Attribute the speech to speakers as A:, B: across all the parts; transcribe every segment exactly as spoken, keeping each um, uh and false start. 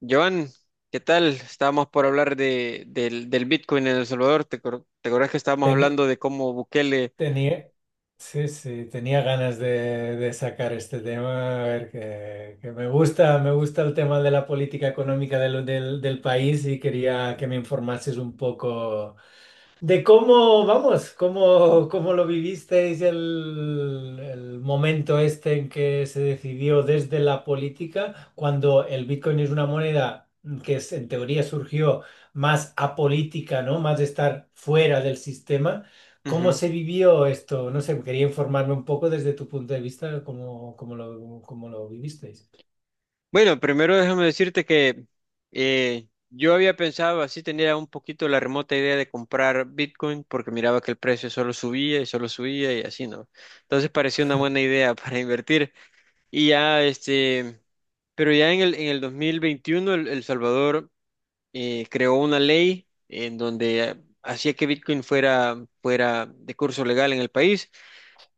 A: Joan, ¿qué tal? Estábamos por hablar de, del, del Bitcoin en El Salvador. ¿Te, acor- te acordás que estábamos
B: Teni-
A: hablando de cómo Bukele?
B: tenía, sí, sí, tenía ganas de, de sacar este tema, a ver, que, que me gusta, me gusta el tema de la política económica del, del, del país y quería que me informases un poco de cómo, vamos, cómo, cómo lo vivisteis el, el momento este en que se decidió desde la política, cuando el Bitcoin es una moneda que es- en teoría surgió más apolítica, ¿no? Más de estar fuera del sistema. ¿Cómo
A: Ujú.
B: se vivió esto? No sé, quería informarme un poco desde tu punto de vista, cómo, cómo lo, cómo lo vivisteis.
A: Bueno, primero déjame decirte que eh, yo había pensado, así tenía un poquito la remota idea de comprar Bitcoin porque miraba que el precio solo subía y solo subía y así, ¿no? Entonces parecía una buena idea para invertir. Y ya, este, pero ya en el, en el dos mil veintiuno El, El Salvador... eh, creó una ley en donde hacía que Bitcoin fuera, fuera de curso legal en el país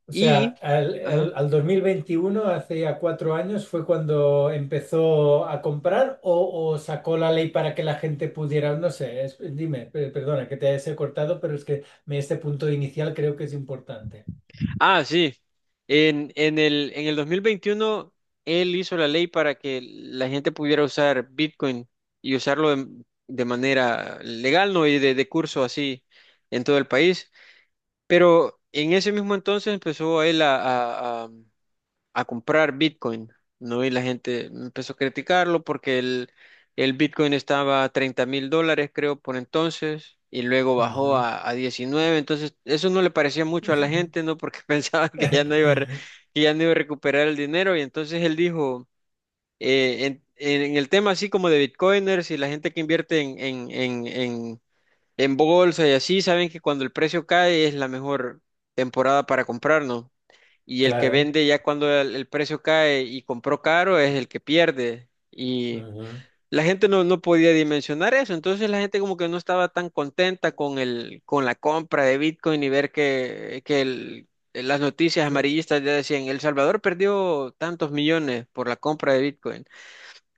B: O sea,
A: y,
B: al,
A: ajá.
B: al- al dos mil veintiuno, hace ya cuatro años, fue cuando empezó a comprar o, o sacó la ley para que la gente pudiera, no sé, es- dime, pe- perdona que te he cortado, pero es que me- este punto inicial creo que es importante.
A: Ah, sí, en, en el, en el dos mil veintiuno él hizo la ley para que la gente pudiera usar Bitcoin y usarlo de, de manera legal, no y de, de curso así en todo el país, pero en ese mismo entonces empezó él a, a a- a comprar Bitcoin, ¿no? Y la gente empezó a criticarlo porque el, el Bitcoin estaba a treinta mil dólares, creo, por entonces, y luego bajó
B: Ujú.
A: a, a diecinueve, entonces eso no le parecía mucho a la gente, ¿no? Porque pensaba que ya no iba a, re- que ya no iba a recuperar el dinero, y entonces él dijo, eh, en, en el tema así como de Bitcoiners y la gente que invierte en, en, en, en en bolsa y así, saben que cuando el precio cae es la mejor temporada para comprar, ¿no? Y el que
B: Claro.
A: vende ya cuando el, el precio cae y compró caro es el que pierde. Y
B: Ujú.
A: la gente no, no podía dimensionar eso. Entonces la gente como que no estaba tan contenta con el, con la compra de Bitcoin y ver que, que el- las noticias amarillistas ya decían: El Salvador perdió tantos millones por la compra de Bitcoin.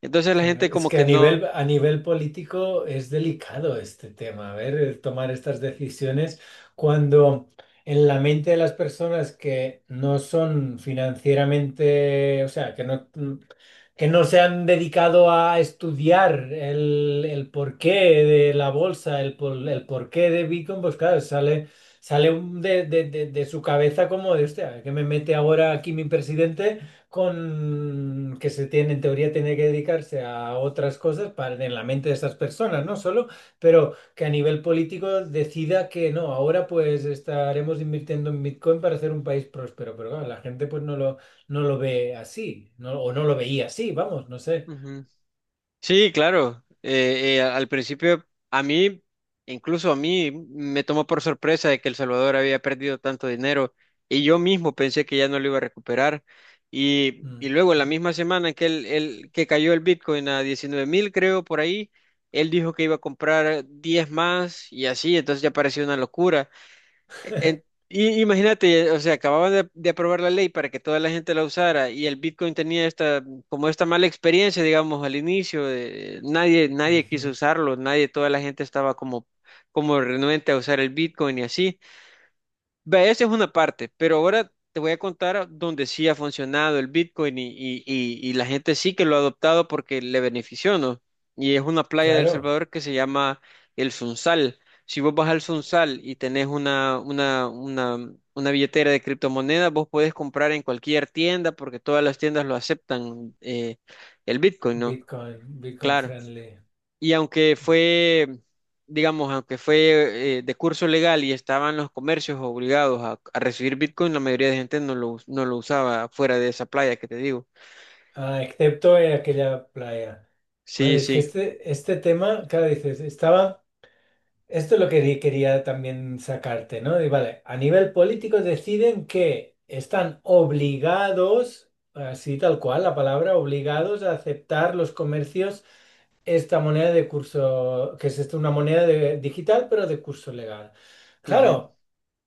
A: Entonces la gente
B: Claro, es
A: como
B: que
A: que
B: a
A: no.
B: nivel, a nivel político es delicado este tema, a ver, el tomar estas decisiones cuando en la mente de las personas que no son financieramente, o sea, que no, que no se han dedicado a estudiar el, el porqué de la bolsa, el, por- el porqué de Bitcoin, pues claro, sale, sale un- de, de- de- de su cabeza como de, hostia, ¿que me mete ahora aquí mi presidente? Con que se tiene, en teoría tiene que dedicarse a otras cosas para en la mente de esas personas, no solo, pero que a nivel político decida que no, ahora pues estaremos invirtiendo en Bitcoin para hacer un país próspero, pero claro, la gente pues no lo, no lo ve así, no, o no lo veía así, vamos, no sé.
A: Sí, claro. Eh, eh, al principio, a mí, incluso a mí, me tomó por sorpresa de que El Salvador había perdido tanto dinero y yo mismo pensé que ya no lo iba a recuperar. Y, y
B: Mm,
A: luego, la misma semana que, el, el- que cayó el Bitcoin a diecinueve mil, creo, por ahí, él dijo que iba a comprar diez más y así, entonces ya pareció una locura. En- y imagínate, o sea, acababan de, de aprobar la ley para que toda la gente la usara y el Bitcoin tenía esta, como esta mala experiencia, digamos, al inicio, de- nadie, nadie quiso
B: ujú.
A: usarlo, nadie, toda la gente estaba como, como renuente a usar el Bitcoin y así. Vea, esa es una parte, pero ahora te voy a contar donde sí ha funcionado el Bitcoin y, y- y- y la gente sí que lo ha adoptado porque le benefició, ¿no? Y es una playa de El
B: Claro,
A: Salvador que se llama El Sunsal. Si vos vas al Sunsal y tenés una, una, una, una billetera de criptomonedas, vos podés comprar en cualquier tienda porque todas las tiendas lo aceptan, eh, el Bitcoin, ¿no?
B: Bitcoin, Bitcoin
A: Claro.
B: friendly.
A: Y aunque
B: Mm.
A: fue, digamos, aunque fue eh, de curso legal y estaban los comercios obligados a, a recibir Bitcoin, la mayoría de gente no lo, us- no lo usaba fuera de esa playa que te digo.
B: Ah, excepto en aquella playa.
A: Sí,
B: Vale, es que
A: sí.
B: este, este tema, claro, dices, estaba... Esto es lo que di- quería también sacarte, ¿no? Y vale, a nivel político deciden que están obligados, así tal cual la palabra, obligados a aceptar los comercios esta moneda de curso, que es esto, una moneda de- digital, pero de curso legal.
A: Ujú.
B: Claro,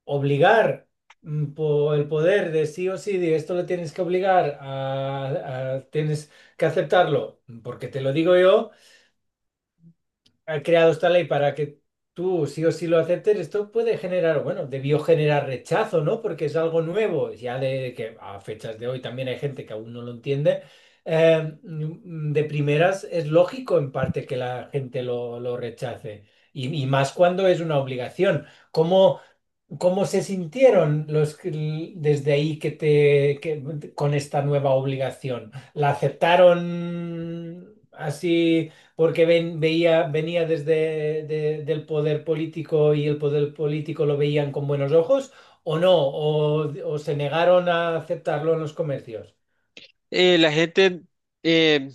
B: obligar mm, por el poder de sí o sí, de esto lo tienes que obligar a, a- tienes que aceptarlo, porque te lo digo yo ha creado esta ley para que tú sí o sí lo aceptes, esto puede generar, bueno, debió generar rechazo, ¿no? Porque es algo nuevo, ya de que a fechas de hoy también hay gente que aún no lo entiende. Eh, mm, de primeras es lógico en parte que la gente lo, lo rechace. Y, y más cuando es una obligación. ¿Cómo, ¿Cómo se sintieron los que- desde ahí que te que- con esta nueva obligación? ¿La aceptaron así porque ven- veía, venía desde de- del poder político y el poder político lo veían con buenos ojos o no? ¿O, o se negaron a aceptarlo en los comercios?
A: Eh, la gente eh,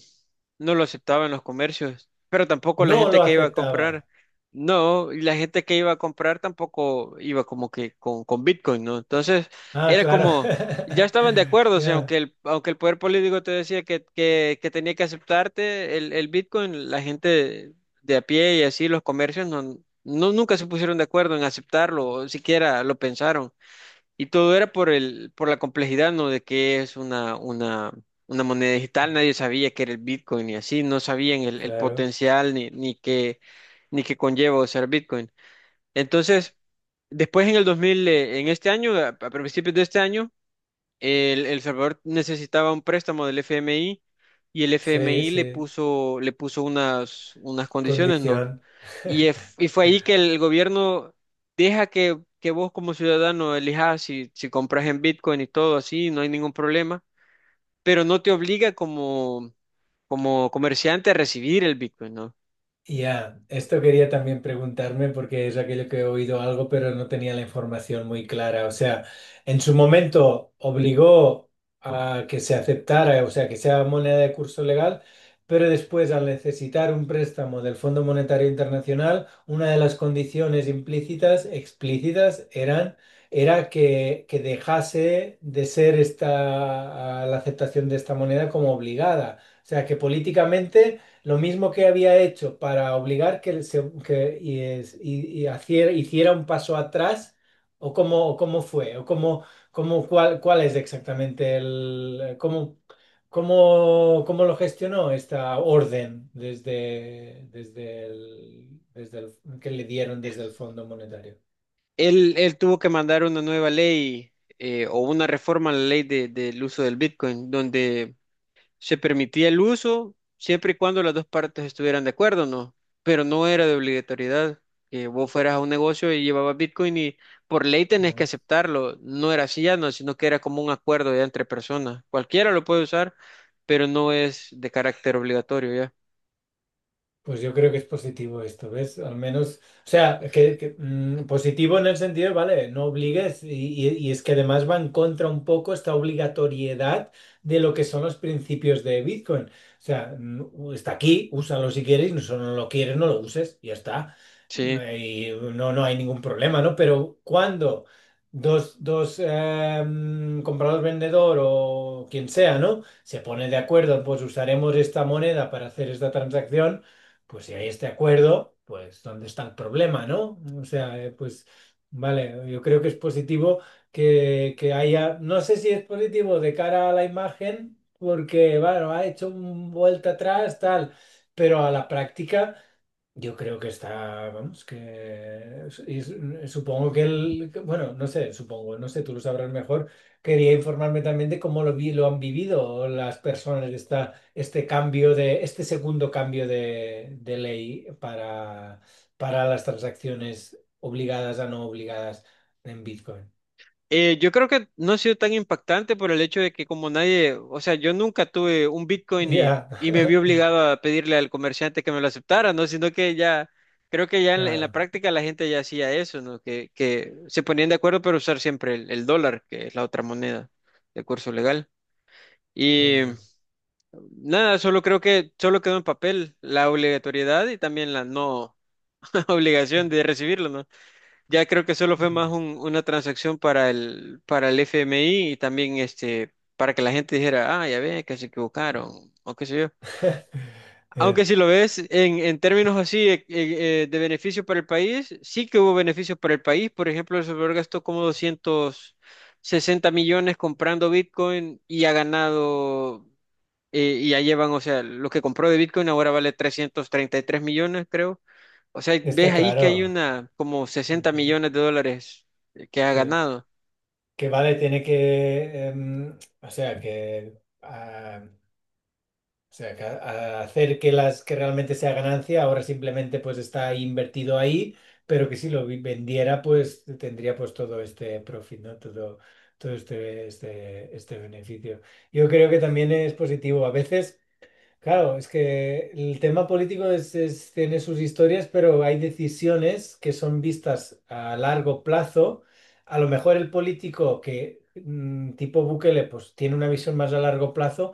A: no lo aceptaba en los comercios, pero tampoco la
B: No
A: gente
B: lo
A: que iba a
B: aceptaba.
A: comprar. No, y la gente que iba a comprar tampoco iba como que con, con Bitcoin, ¿no? Entonces,
B: Ah,
A: era
B: claro.
A: como, ya estaban de acuerdo, o sea, aunque
B: Ya,
A: el, aunque el poder político te decía que, que, que tenía que aceptarte el, el Bitcoin, la gente de a pie y así, los comercios, no, no, nunca se pusieron de acuerdo en aceptarlo, o siquiera lo pensaron. Y todo era por el, por la complejidad, ¿no? De qué es una, una, una moneda digital. Nadie sabía qué era el Bitcoin y así. No sabían el, el
B: claro.
A: potencial ni, ni qué, ni qué conlleva usar Bitcoin. Entonces, después en el dos mil, eh, en este año, a, a principios de este año, el, El Salvador necesitaba un préstamo del F M I y el
B: Sí,
A: F M I le
B: sí.
A: puso, le puso unas, unas condiciones, ¿no?
B: Condición.
A: Y, es- y fue ahí que el gobierno deja que, que vos como ciudadano elijas si, si compras en Bitcoin y todo así, no hay ningún problema, pero no te obliga como, como comerciante a recibir el Bitcoin, ¿no?
B: Ya, esto quería también preguntarme porque es aquello que he oído algo, pero no tenía la información muy clara. O sea, en su momento obligó a que se aceptara, o sea, que sea moneda de curso legal, pero después al necesitar un préstamo del Fondo Monetario Internacional, una de las condiciones implícitas, explícitas, eran era que, que dejase de ser esta la aceptación de esta moneda como obligada. O sea, que políticamente lo mismo que había hecho para obligar que, se- que- y es- y- y haciera, hiciera un paso atrás, o cómo, o cómo fue, o cómo, cómo, cuál, cuál es exactamente el, cómo, cómo, cómo lo gestionó esta orden desde, desde el, desde el- que le dieron desde el Fondo Monetario.
A: Él, él tuvo que mandar una nueva ley eh, o una reforma a la ley de- del uso del Bitcoin, donde se permitía el uso siempre y cuando las dos partes estuvieran de acuerdo, ¿no? Pero no era de obligatoriedad que vos fueras a un negocio y llevabas Bitcoin y por ley tenés que
B: ¿No?
A: aceptarlo. No era así ya, no, sino que era como un acuerdo ya entre personas. Cualquiera lo puede usar, pero no es de carácter obligatorio ya.
B: Pues yo creo que es positivo esto, ¿ves? Al menos, o sea, que, que, mm, positivo en el sentido, vale, no obligues y, y- y es que además va en contra un poco esta obligatoriedad de lo que son los principios de Bitcoin. O sea, mm, está aquí, úsalo si quieres, y si no lo quieres, no lo uses, ya está.
A: Sí.
B: Eh, Y no, no hay ningún problema, ¿no? Pero cuando dos, dos eh, mm, comprador, vendedor o quien sea, ¿no? Se pone de acuerdo, pues usaremos esta moneda para hacer esta transacción, pues si hay este acuerdo, pues ¿dónde está el problema, no? O sea, eh, pues vale, yo creo que es positivo que, que haya, no sé si es positivo de cara a la imagen, porque, bueno, ha hecho un vuelta atrás, tal, pero a la práctica. Yo creo que está, vamos, que es- y su- supongo que el, que- bueno, no sé, supongo, no sé, tú lo sabrás mejor. Quería informarme también de cómo lo vi, lo han vivido las personas esta, este cambio de, este segundo cambio de, de ley para, para las transacciones obligadas a no obligadas en Bitcoin.
A: Eh, yo creo que no ha sido tan impactante por el hecho de que como nadie, o sea, yo nunca tuve un Bitcoin y,
B: Ya,
A: y me vi obligado a pedirle al comerciante que me lo aceptara, ¿no? Sino que ya, creo que ya en, la en la
B: ya,
A: práctica la gente ya hacía eso, ¿no? Que, que se ponían de acuerdo para usar siempre el, el dólar, que es la otra moneda de curso legal. Y
B: ya,
A: nada, solo creo que solo quedó en papel la obligatoriedad y también la no obligación de recibirlo, ¿no? Ya creo que solo fue más
B: ya.
A: un- una transacción para el, para el F M I y también este, para que la gente dijera: ah, ya ve, que se equivocaron, o qué sé yo.
B: Ya.
A: Aunque si lo ves en, en términos así eh, eh, eh, de beneficio para el país, sí que hubo beneficios para el país. Por ejemplo, El Salvador gastó como doscientos sesenta millones comprando Bitcoin y ha ganado, eh, y ya llevan, o sea, lo que compró de Bitcoin ahora vale trescientos treinta y tres millones, creo. O sea, ves
B: Está
A: ahí que hay
B: claro.
A: una, como sesenta
B: Ujú,
A: millones de dólares que ha
B: Sí.
A: ganado.
B: Que vale, tiene que, em, o sea, que, ah, o sea, que a- a hacer que las que realmente sea ganancia, ahora simplemente pues está invertido ahí, pero que si lo vi- vendiera pues tendría pues todo este profit, ¿no? Todo, todo este, este, este beneficio. Yo creo que también es positivo. A veces... Claro, es que el tema político es- es- tiene sus historias, pero hay decisiones que son vistas a largo plazo. A lo mejor el político que, mm, tipo Bukele, pues tiene una visión más a largo plazo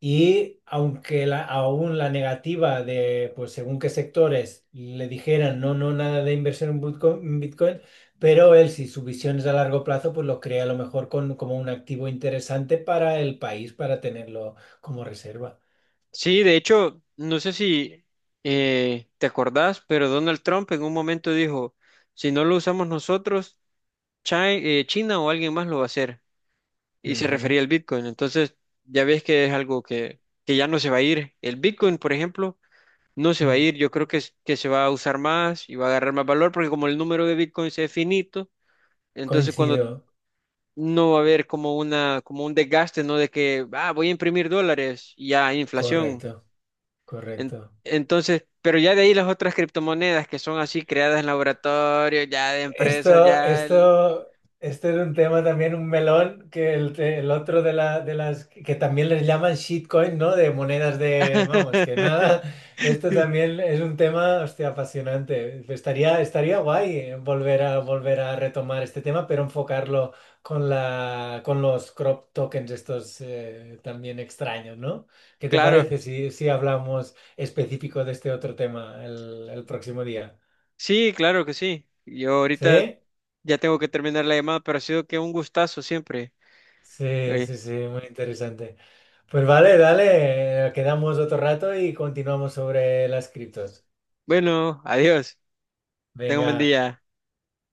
B: y aunque la- aún la negativa de, pues según qué sectores le dijeran no, no, nada de inversión en Bitco- en Bitcoin, pero él, si su visión es a largo plazo, pues lo crea a lo mejor con- como un activo interesante para el país, para tenerlo como reserva.
A: Sí, de hecho, no sé si eh, te acordás, pero Donald Trump en un momento dijo: si no lo usamos nosotros, Chi- eh, China o alguien más lo va a hacer. Y se
B: Ujú.
A: refería al Bitcoin. Entonces, ya ves que es algo que, que ya no se va a ir. El Bitcoin, por ejemplo, no se va a
B: Mm,
A: ir. Yo creo que, s- que se va a usar más y va a agarrar más valor porque como el número de bitcoins es finito, entonces cuando
B: coincido,
A: no va a haber como una, como un desgaste, ¿no? De que, ah, voy a imprimir dólares y ya, inflación.
B: correcto,
A: En-
B: correcto.
A: entonces, pero ya de ahí las otras criptomonedas que son así creadas en laboratorio, ya de empresas,
B: Esto,
A: ya... el-
B: esto, este era un tema también, un melón, que el, te- el otro de, la, de las que también les llaman shitcoin, ¿no? De monedas de, vamos, que nada, esto también es un tema, hostia, apasionante. Estaría, estaría guay eh, volver a, volver a retomar este tema, pero enfocarlo con la, con los crop tokens estos eh, también extraños, ¿no? ¿Qué te
A: Claro,
B: parece si, si hablamos específico de este otro tema el el próximo día?
A: sí, claro que sí. Yo ahorita
B: ¿Sí?
A: ya tengo que terminar la llamada, pero ha sido que un gustazo siempre.
B: Sí,
A: Eh,
B: sí, sí, muy interesante. Pues vale, dale, eh, quedamos otro rato y continuamos sobre las criptos.
A: bueno, adiós. Tengo un buen
B: Venga.
A: día.